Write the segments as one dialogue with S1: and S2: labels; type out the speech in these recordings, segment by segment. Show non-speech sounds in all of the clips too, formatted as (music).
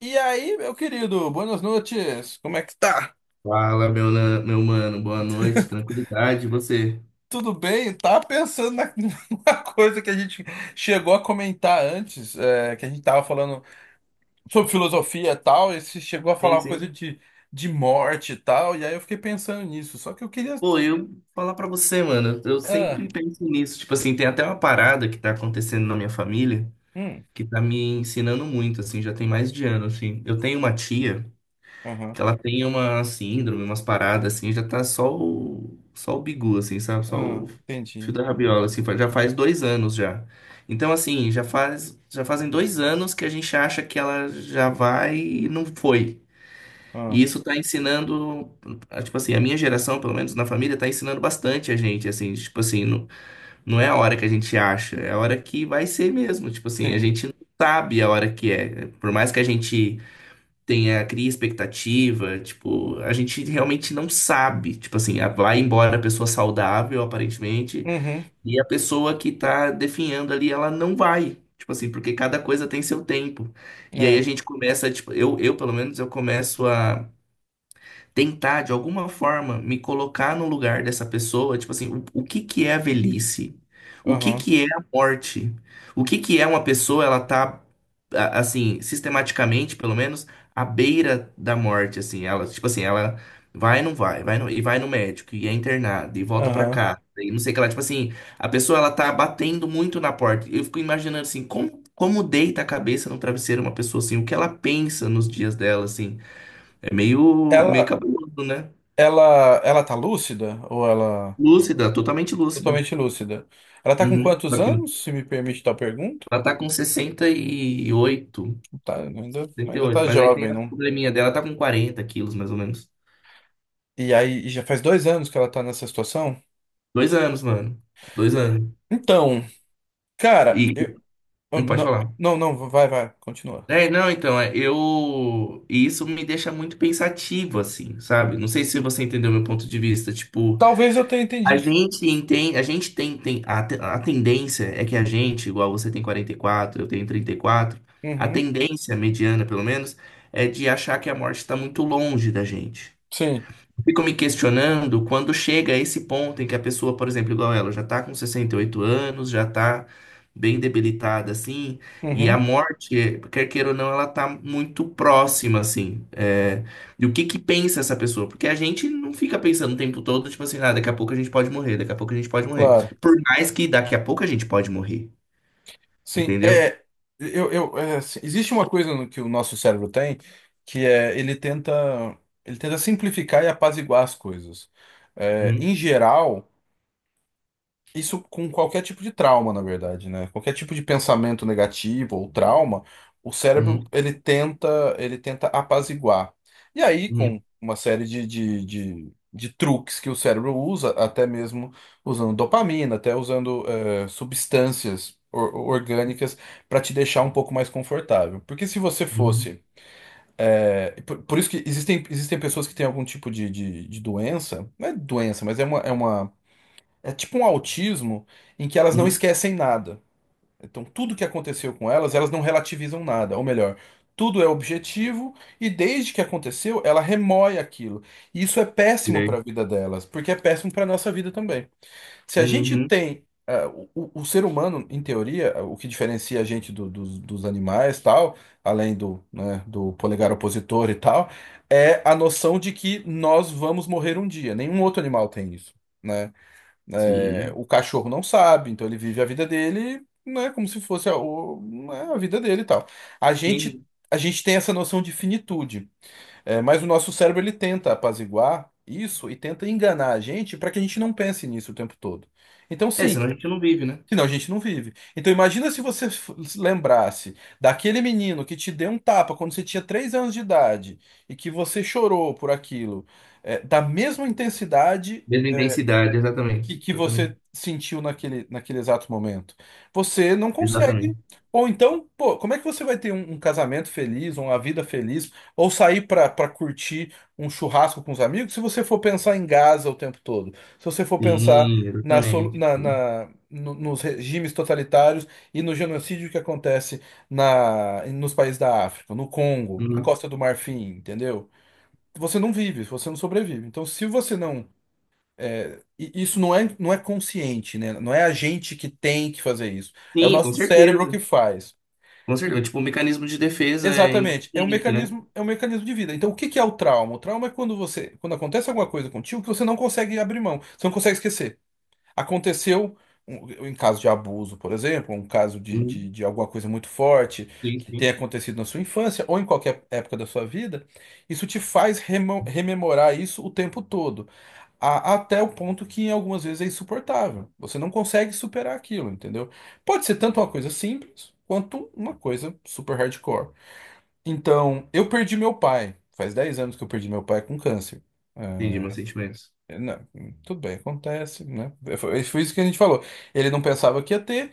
S1: E aí, meu querido, boas noites. Como é que tá?
S2: Fala, meu, meu mano, boa noite, tranquilidade, e você?
S1: Tudo bem? Tava pensando na- (laughs) numa coisa que a gente chegou a comentar antes, que a gente tava falando sobre filosofia e tal, e você chegou a falar
S2: Sim,
S1: uma coisa
S2: sim.
S1: de morte e tal, e aí eu fiquei pensando nisso. Só que eu queria.
S2: Pô, eu falar pra você, mano, eu
S1: Ah,
S2: sempre penso nisso, tipo assim, tem até uma parada que tá acontecendo na minha família
S1: hum,
S2: que tá me ensinando muito, assim, já tem mais de ano, assim. Eu tenho uma tia
S1: aham,
S2: que ela tem uma síndrome, umas paradas, assim, já tá só o bigu, assim, sabe? Só o
S1: ah,
S2: fio
S1: entendi.
S2: da rabiola, assim, já faz 2 anos já. Então, assim, já fazem 2 anos que a gente acha que ela já vai e não foi. E
S1: Ah,
S2: isso está ensinando, tipo assim, a minha geração, pelo menos na família, está ensinando bastante a gente, assim, tipo assim, não, não é a hora que a gente acha, é a hora que vai ser mesmo, tipo assim, a
S1: sim.
S2: gente não sabe a hora que é. Por mais que a gente tenha, cria expectativa, tipo, a gente realmente não sabe, tipo assim, vai embora a pessoa saudável, aparentemente,
S1: Uhum,
S2: e a pessoa que está definhando ali, ela não vai. Tipo assim, porque cada coisa tem seu tempo. E aí a
S1: é,
S2: gente começa, tipo, eu pelo menos, eu começo a tentar de alguma forma me colocar no lugar dessa pessoa, tipo assim, o que que é a velhice? O que
S1: aham,
S2: que é a morte? O que que é uma pessoa, ela tá assim, sistematicamente, pelo menos, à beira da morte, assim, ela, tipo assim, ela vai e não vai, e vai no médico e é internada e volta pra
S1: aham.
S2: cá. E não sei o que ela, tipo assim, a pessoa ela tá batendo muito na porta. Eu fico imaginando assim, como como deita a cabeça no travesseiro uma pessoa assim, o que ela pensa nos dias dela assim. É meio, meio
S1: Ela,
S2: cabeludo, né?
S1: ela, ela tá lúcida? Ou ela.
S2: Lúcida, totalmente lúcida.
S1: Totalmente lúcida. Ela tá com
S2: Uhum.
S1: quantos
S2: Aqui.
S1: anos, se me permite tal pergunta?
S2: Ela tá com sessenta e oito,
S1: Tá, ainda,
S2: sessenta e
S1: ainda
S2: oito.
S1: tá
S2: Mas aí tem
S1: jovem,
S2: a
S1: não?
S2: probleminha dela, tá com 40 quilos, mais ou menos.
S1: E aí, e já faz 2 anos que ela tá nessa situação?
S2: 2 anos, mano. 2 anos.
S1: Então, cara,
S2: E não pode
S1: Não,
S2: falar.
S1: não, não, vai, vai, continua.
S2: É, não, então, é, eu. E isso me deixa muito pensativo, assim, sabe? Não sei se você entendeu meu ponto de vista. Tipo,
S1: Talvez eu tenha
S2: a
S1: entendido.
S2: gente entende, a gente tem a tendência é que a gente, igual você tem 44, eu tenho 34, a
S1: Uhum,
S2: tendência mediana, pelo menos, é de achar que a morte está muito longe da gente.
S1: sim,
S2: Fico me questionando quando chega a esse ponto em que a pessoa, por exemplo, igual ela, já tá com 68 anos, já tá bem debilitada, assim, e a
S1: uhum,
S2: morte, quer queira ou não, ela tá muito próxima, assim. E o que que pensa essa pessoa? Porque a gente não fica pensando o tempo todo, tipo assim, ah, daqui a pouco a gente pode morrer, daqui a pouco a gente pode morrer.
S1: claro.
S2: Por mais que daqui a pouco a gente pode morrer,
S1: Sim,
S2: entendeu?
S1: é. Assim, existe uma coisa no que o nosso cérebro tem, que é ele tenta simplificar e apaziguar as coisas. É,
S2: Uhum,
S1: em geral. Isso com qualquer tipo de trauma, na verdade, né? Qualquer tipo de pensamento negativo ou trauma, o cérebro
S2: uhum,
S1: ele tenta apaziguar. E aí,
S2: uhum,
S1: com uma série de truques que o cérebro usa, até mesmo usando dopamina, até usando substâncias orgânicas para te deixar um pouco mais confortável. Porque se você
S2: uhum,
S1: fosse por isso que existem pessoas que têm algum tipo de doença, não é doença, mas é uma, é tipo um autismo em que elas não
S2: uhum,
S1: esquecem nada. Então, tudo que aconteceu com elas, elas não relativizam nada. Ou melhor, tudo é objetivo e desde que aconteceu, ela remoe aquilo. E isso é péssimo para a
S2: sei.
S1: vida delas, porque é péssimo para a nossa vida também. Se a
S2: Uhum,
S1: gente
S2: uhum,
S1: tem. O ser humano, em teoria, é, o que diferencia a gente dos animais, tal, além do, né, do polegar opositor e tal, é a noção de que nós vamos morrer um dia. Nenhum outro animal tem isso, né? É,
S2: sim.
S1: o cachorro não sabe, então ele vive a vida dele, né, como se fosse né, a vida dele e tal. A
S2: Sim,
S1: gente,
S2: sim.
S1: a gente tem essa noção de finitude, é, mas o nosso cérebro ele tenta apaziguar isso e tenta enganar a gente para que a gente não pense nisso o tempo todo. Então,
S2: É,
S1: sim,
S2: senão a gente não vive, né?
S1: senão a gente não vive. Então, imagina se você f- se lembrasse daquele menino que te deu um tapa quando você tinha 3 anos de idade e que você chorou por aquilo, é, da mesma intensidade
S2: Mesma intensidade,
S1: e
S2: exatamente.
S1: que
S2: Exatamente.
S1: você sentiu naquele exato momento. Você não consegue.
S2: Exatamente.
S1: Ou então, pô, como é que você vai ter um casamento feliz, uma vida feliz, ou sair pra para curtir um churrasco com os amigos, se você for pensar em Gaza o tempo todo? Se você for pensar
S2: Sim,
S1: na, solu-
S2: exatamente.
S1: na, na- no- nos regimes totalitários e no genocídio que acontece nos países da África, no Congo, na
S2: Uhum.
S1: Costa do Marfim, entendeu? Você não vive, você não sobrevive. Então, se você não é, e isso não é consciente, né? Não é a gente que tem que fazer isso. É o
S2: Sim, com
S1: nosso cérebro que
S2: certeza.
S1: faz.
S2: Com
S1: E-
S2: certeza. Tipo, o mecanismo de defesa é
S1: Exatamente. É um
S2: inconsciente, né?
S1: mecanismo, é um mecanismo de vida. Então, o que que é o trauma? O trauma é quando você, quando acontece alguma coisa contigo que você não consegue abrir mão, você não consegue esquecer. Aconteceu em caso de abuso, por exemplo, um caso de,
S2: Uhum.
S1: de, de alguma coisa muito forte
S2: Sim,
S1: que tenha
S2: sim.
S1: acontecido na sua infância ou em qualquer época da sua vida, isso te faz rememorar isso o tempo todo até o ponto que algumas vezes é insuportável. Você não consegue superar aquilo, entendeu? Pode ser tanto uma coisa simples quanto uma coisa super hardcore. Então, eu perdi meu pai. Faz 10 anos que eu perdi meu pai com câncer.
S2: Entendi
S1: É,
S2: meus sentimentos.
S1: não, tudo bem, acontece, né? Foi isso que a gente falou. Ele não pensava que ia ter,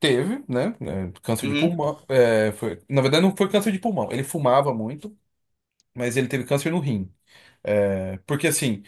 S1: teve, né? Câncer de
S2: Uhum.
S1: pulmão. Na verdade, não foi câncer de pulmão. Ele fumava muito, mas ele teve câncer no rim. Porque assim.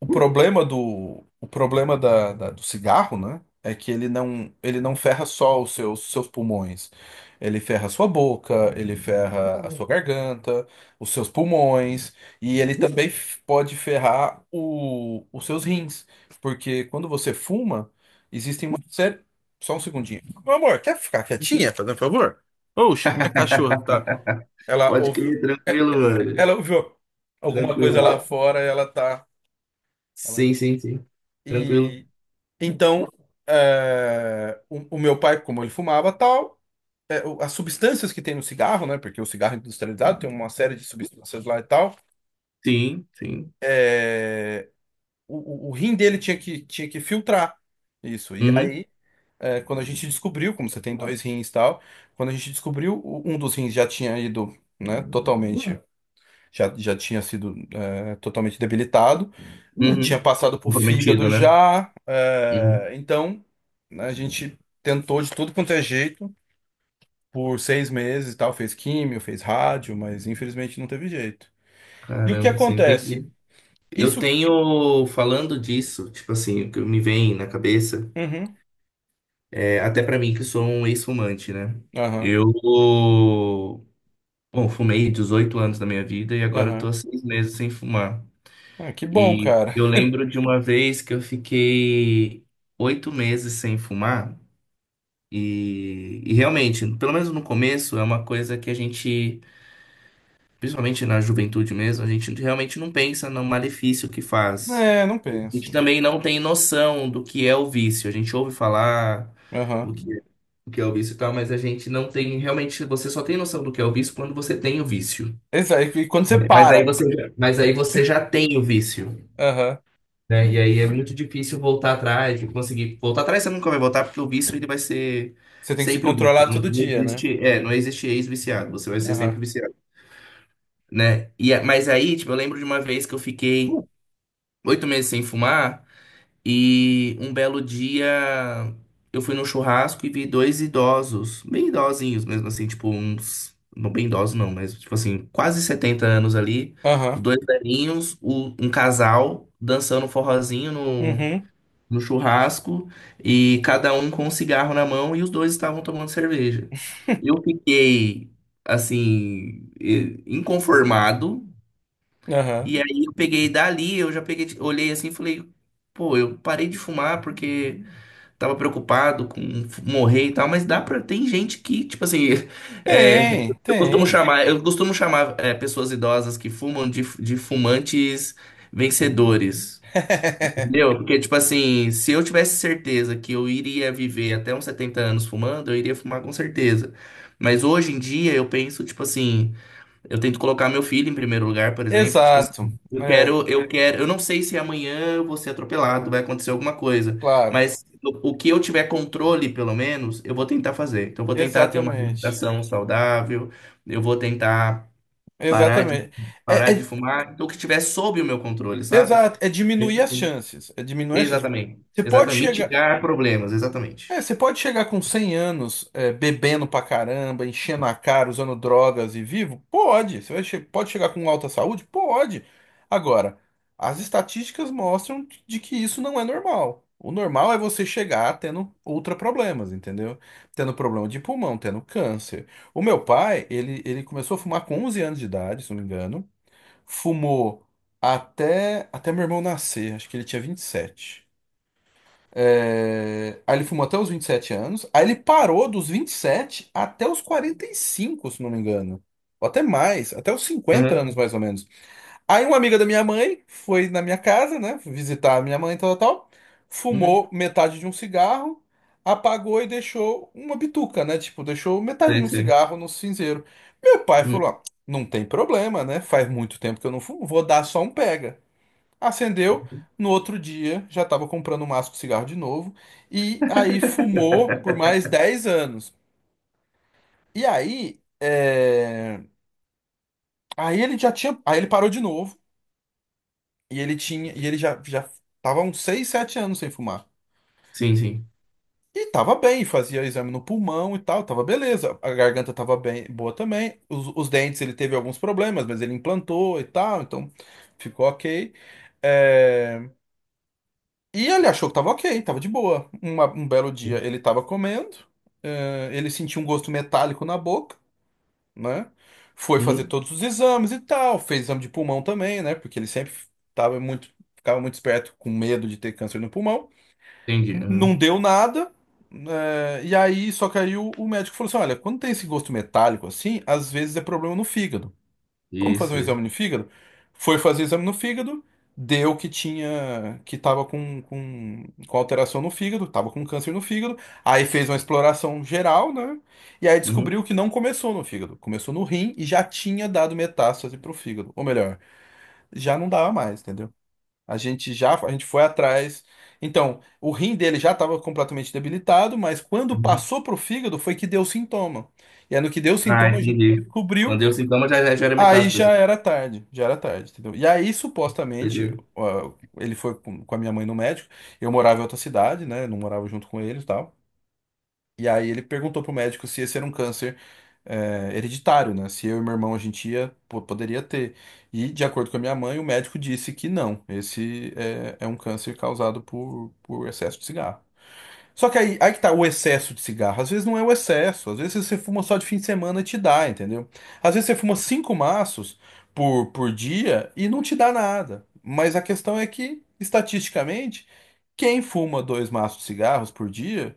S1: O problema do cigarro, né? É que ele não ferra só os seus pulmões. Ele ferra a sua boca, ele ferra a sua garganta, os seus pulmões, e ele também pode ferrar os seus rins. Porque quando você fuma, existem uma série. Só um segundinho. Meu amor, quer ficar quietinha,
S2: Sim.
S1: fazendo um favor? Oxe, a minha cachorra que
S2: (laughs)
S1: tá. Ela
S2: Pode
S1: ouviu,
S2: crer, tranquilo, mano.
S1: ela ouviu alguma coisa
S2: Tranquilo.
S1: lá fora, ela tá. ela-
S2: Sim, sim, sim. Tranquilo.
S1: Então, é, o meu pai, como ele fumava tal, é, as substâncias que tem no cigarro, né? Porque o cigarro industrializado tem uma série de substâncias lá e tal.
S2: Sim, sim.
S1: O rim dele tinha que filtrar isso. E
S2: Uhum.
S1: aí, é, quando a gente descobriu, como você tem dois rins e tal, quando a gente descobriu, um dos rins já tinha ido, né? Totalmente, já tinha sido, é, totalmente debilitado. É,
S2: Uhum.
S1: tinha passado por
S2: Comprometido,
S1: fígado
S2: né?
S1: já.
S2: Uhum.
S1: É, então, né, a gente tentou de tudo quanto é jeito por 6 meses e tal, fez químio, fez rádio, mas infelizmente não teve jeito. E o que
S2: Caramba, você
S1: acontece?
S2: entendi. Eu
S1: Isso.
S2: tenho, falando disso, tipo assim, o que me vem na cabeça.
S1: Uhum,
S2: É, até pra mim, que sou um ex-fumante, né?
S1: aham,
S2: Eu, bom, fumei 18 anos da minha vida e agora eu tô
S1: aham.
S2: há 6 meses sem fumar.
S1: Ah, que bom,
S2: E
S1: cara.
S2: eu lembro de uma vez que eu fiquei 8 meses sem fumar. E realmente, pelo menos no começo, é uma coisa que a gente, principalmente na juventude mesmo, a gente realmente não pensa no malefício que faz.
S1: Não
S2: A
S1: penso.
S2: gente também não tem noção do que é o vício. A gente ouve falar
S1: Aham.
S2: o que é o vício e tal, mas a gente não tem realmente, você só tem noção do que é o vício quando você tem o vício,
S1: E quando você
S2: né?
S1: para,
S2: Mas aí você já tem o vício,
S1: aham,
S2: né? E aí é muito difícil voltar atrás, e conseguir voltar atrás você nunca vai voltar porque o vício ele vai ser
S1: você tem que se
S2: sempre o vício.
S1: controlar
S2: Não,
S1: todo
S2: não
S1: dia, né?
S2: existe, é, não existe ex-viciado, você vai ser
S1: Aham,
S2: sempre viciado, né? E mas aí, tipo, eu lembro de uma vez que eu fiquei oito meses sem fumar. E um belo dia eu fui num churrasco e vi dois idosos, bem idosinhos mesmo assim, tipo uns, não bem idosos não, mas tipo assim, quase 70 anos ali, os
S1: aham,
S2: dois velhinhos, um casal dançando um forrozinho no,
S1: uhum,
S2: no churrasco e cada um com um cigarro na mão e os dois estavam tomando cerveja. Eu fiquei assim, inconformado,
S1: aham.
S2: e aí eu peguei dali, eu já peguei, olhei assim e falei, pô, eu parei de fumar porque tava preocupado com morrer e tal, mas dá pra, tem gente que, tipo assim, (laughs) é,
S1: Tem, tem.
S2: eu costumo chamar pessoas idosas que fumam de fumantes vencedores.
S1: (laughs)
S2: Entendeu? Porque, tipo assim, se eu tivesse certeza que eu iria viver até uns 70 anos fumando, eu iria fumar com certeza. Mas hoje em dia eu penso, tipo assim, eu tento colocar meu filho em primeiro lugar, por exemplo. Tipo assim,
S1: Exato.
S2: eu
S1: É,
S2: quero, eu quero, eu não sei se amanhã eu vou ser atropelado, vai acontecer alguma coisa,
S1: claro.
S2: mas o que eu tiver controle, pelo menos, eu vou tentar fazer. Então, eu vou tentar ter uma
S1: Exatamente.
S2: alimentação saudável, eu vou tentar parar de,
S1: Exatamente. É,
S2: parar de
S1: é-
S2: fumar, então, o que tiver sob o meu controle, sabe?
S1: exato, é diminuir
S2: Mesmo
S1: as
S2: assim.
S1: chances. É diminuir as chances.
S2: Exatamente.
S1: Você pode
S2: Exatamente.
S1: chegar.
S2: Mitigar problemas, exatamente.
S1: É, você pode chegar com 100 anos, é, bebendo pra caramba, enchendo a cara, usando drogas e vivo? Pode. Você vai pode chegar com alta saúde? Pode. Agora, as estatísticas mostram de que isso não é normal. O normal é você chegar tendo ultra problemas, entendeu? Tendo problema de pulmão, tendo câncer. O meu pai, ele começou a fumar com 11 anos de idade, se não me engano. Fumou até meu irmão nascer, acho que ele tinha 27. Aí ele fumou até os 27 anos. Aí ele parou dos 27 até os 45, se não me engano. Ou até mais, até os cinquenta
S2: Aham.
S1: anos mais ou menos. Aí uma amiga da minha mãe foi na minha casa, né? Visitar a minha mãe, tal.
S2: Uhum.
S1: Fumou metade de um cigarro, apagou e deixou uma bituca, né? Tipo, deixou metade de
S2: Sei,
S1: um
S2: sei.
S1: cigarro no cinzeiro. Meu pai
S2: Uhum.
S1: falou: "Ah, não tem problema, né? Faz muito tempo que eu não fumo, vou dar só um pega." Acendeu, no outro dia já estava comprando um maço de cigarro de novo, e aí fumou por mais 10 anos. E aí, aí ele já tinha, aí ele parou de novo, e ele tinha, e ele já tava uns 6 7 anos sem fumar.
S2: Sim, sim.
S1: E tava bem, fazia exame no pulmão e tal, tava beleza. A garganta tava bem, boa também. Os dentes ele teve alguns problemas, mas ele implantou e tal, então ficou ok. É, E ele achou que tava ok, tava de boa. Um belo dia ele tava comendo, ele sentiu um gosto metálico na boca, né? Foi fazer
S2: Uhum.
S1: todos os exames e tal, fez exame de pulmão também, né? Porque ele sempre tava muito, ficava muito esperto, com medo de ter câncer no pulmão.
S2: Entendi.
S1: Não
S2: Uhum.
S1: deu nada, e aí, só que aí o médico falou assim: olha, quando tem esse gosto metálico assim, às vezes é problema no fígado, vamos fazer um
S2: Isso, isso.
S1: exame no fígado? Foi fazer exame no fígado, deu que tinha, que tava com alteração no fígado, tava com câncer no fígado, aí fez uma exploração geral, né? E aí
S2: Uhum.
S1: descobriu que não começou no fígado, começou no rim e já tinha dado metástase pro fígado. Ou melhor, já não dava mais, entendeu? A gente foi atrás. Então, o rim dele já estava completamente debilitado, mas quando passou pro fígado foi que deu sintoma. E aí no que deu
S2: Ah,
S1: sintoma a gente
S2: entendi.
S1: descobriu.
S2: Quando eu sintoma, já, já já era
S1: Aí
S2: metástase.
S1: já era tarde, entendeu? E aí, supostamente,
S2: Entendeu?
S1: ó, ele foi com a minha mãe no médico. Eu morava em outra cidade, né? Não morava junto com ele e tal. E aí ele perguntou pro médico se esse era um câncer hereditário, né? Se eu e meu irmão a gente poderia ter. E, de acordo com a minha mãe, o médico disse que não. Esse é um câncer causado por excesso de cigarro. Só que aí, aí que tá o excesso de cigarro. Às vezes não é o excesso. Às vezes você fuma só de fim de semana e te dá, entendeu? Às vezes você fuma 5 maços por dia e não te dá nada. Mas a questão é que, estatisticamente, quem fuma 2 maços de cigarros por dia,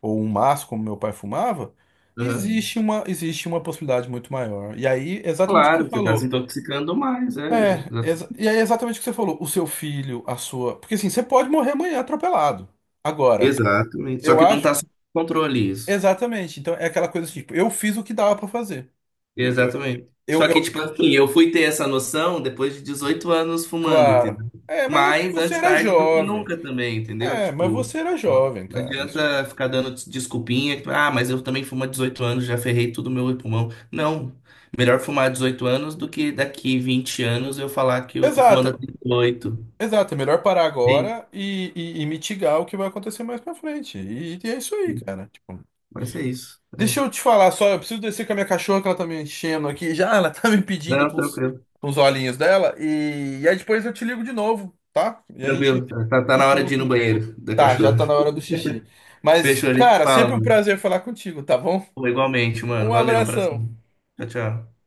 S1: ou um maço, como meu pai fumava,
S2: Aham.
S1: existe uma possibilidade muito maior. E aí, exatamente o que
S2: Claro,
S1: você
S2: você está se
S1: falou.
S2: intoxicando mais, é.
S1: E aí exatamente o que você falou. O seu filho, a sua. Porque assim, você pode morrer amanhã atropelado. Agora.
S2: Exatamente. Só
S1: Eu
S2: que não está
S1: acho.
S2: sob controle isso.
S1: Exatamente. Então é aquela coisa assim, tipo, eu fiz o que dava pra fazer. Eu, eu,
S2: Exatamente.
S1: eu,
S2: Só que,
S1: eu-
S2: tipo assim, eu fui ter essa noção depois de 18 anos fumando,
S1: Claro.
S2: entendeu?
S1: É, mas
S2: Mas
S1: você
S2: antes
S1: era
S2: tarde do que
S1: jovem.
S2: nunca também, entendeu?
S1: É, mas
S2: Tipo,
S1: você era
S2: não
S1: jovem, cara. Isso...
S2: adianta ficar dando desculpinha, tipo, ah, mas eu também fumo há 18 anos, já ferrei tudo meu pulmão. Não, melhor fumar há 18 anos do que daqui 20 anos eu falar que eu tô
S1: Exato,
S2: fumando há 38.
S1: exato. É melhor parar
S2: É isso.
S1: agora e mitigar o que vai acontecer mais pra frente. E é isso aí, cara. Tipo,
S2: Mas é isso.
S1: deixa
S2: É.
S1: eu te falar só, eu preciso descer com a minha cachorra que ela tá me enchendo aqui. Já ela tá me pedindo
S2: Não, tranquilo.
S1: com os olhinhos dela. E aí depois eu te ligo de novo, tá? E a
S2: Tranquilo.
S1: gente
S2: Tá, tá na hora
S1: continua
S2: de ir no
S1: com.
S2: banheiro da
S1: Tá, já
S2: cachorra.
S1: tá na hora do xixi. Mas,
S2: Fechou, a gente
S1: cara,
S2: fala,
S1: sempre um
S2: mano.
S1: prazer falar contigo, tá bom?
S2: Igualmente, mano.
S1: Um
S2: Valeu, abração.
S1: abração.
S2: Tchau, tchau.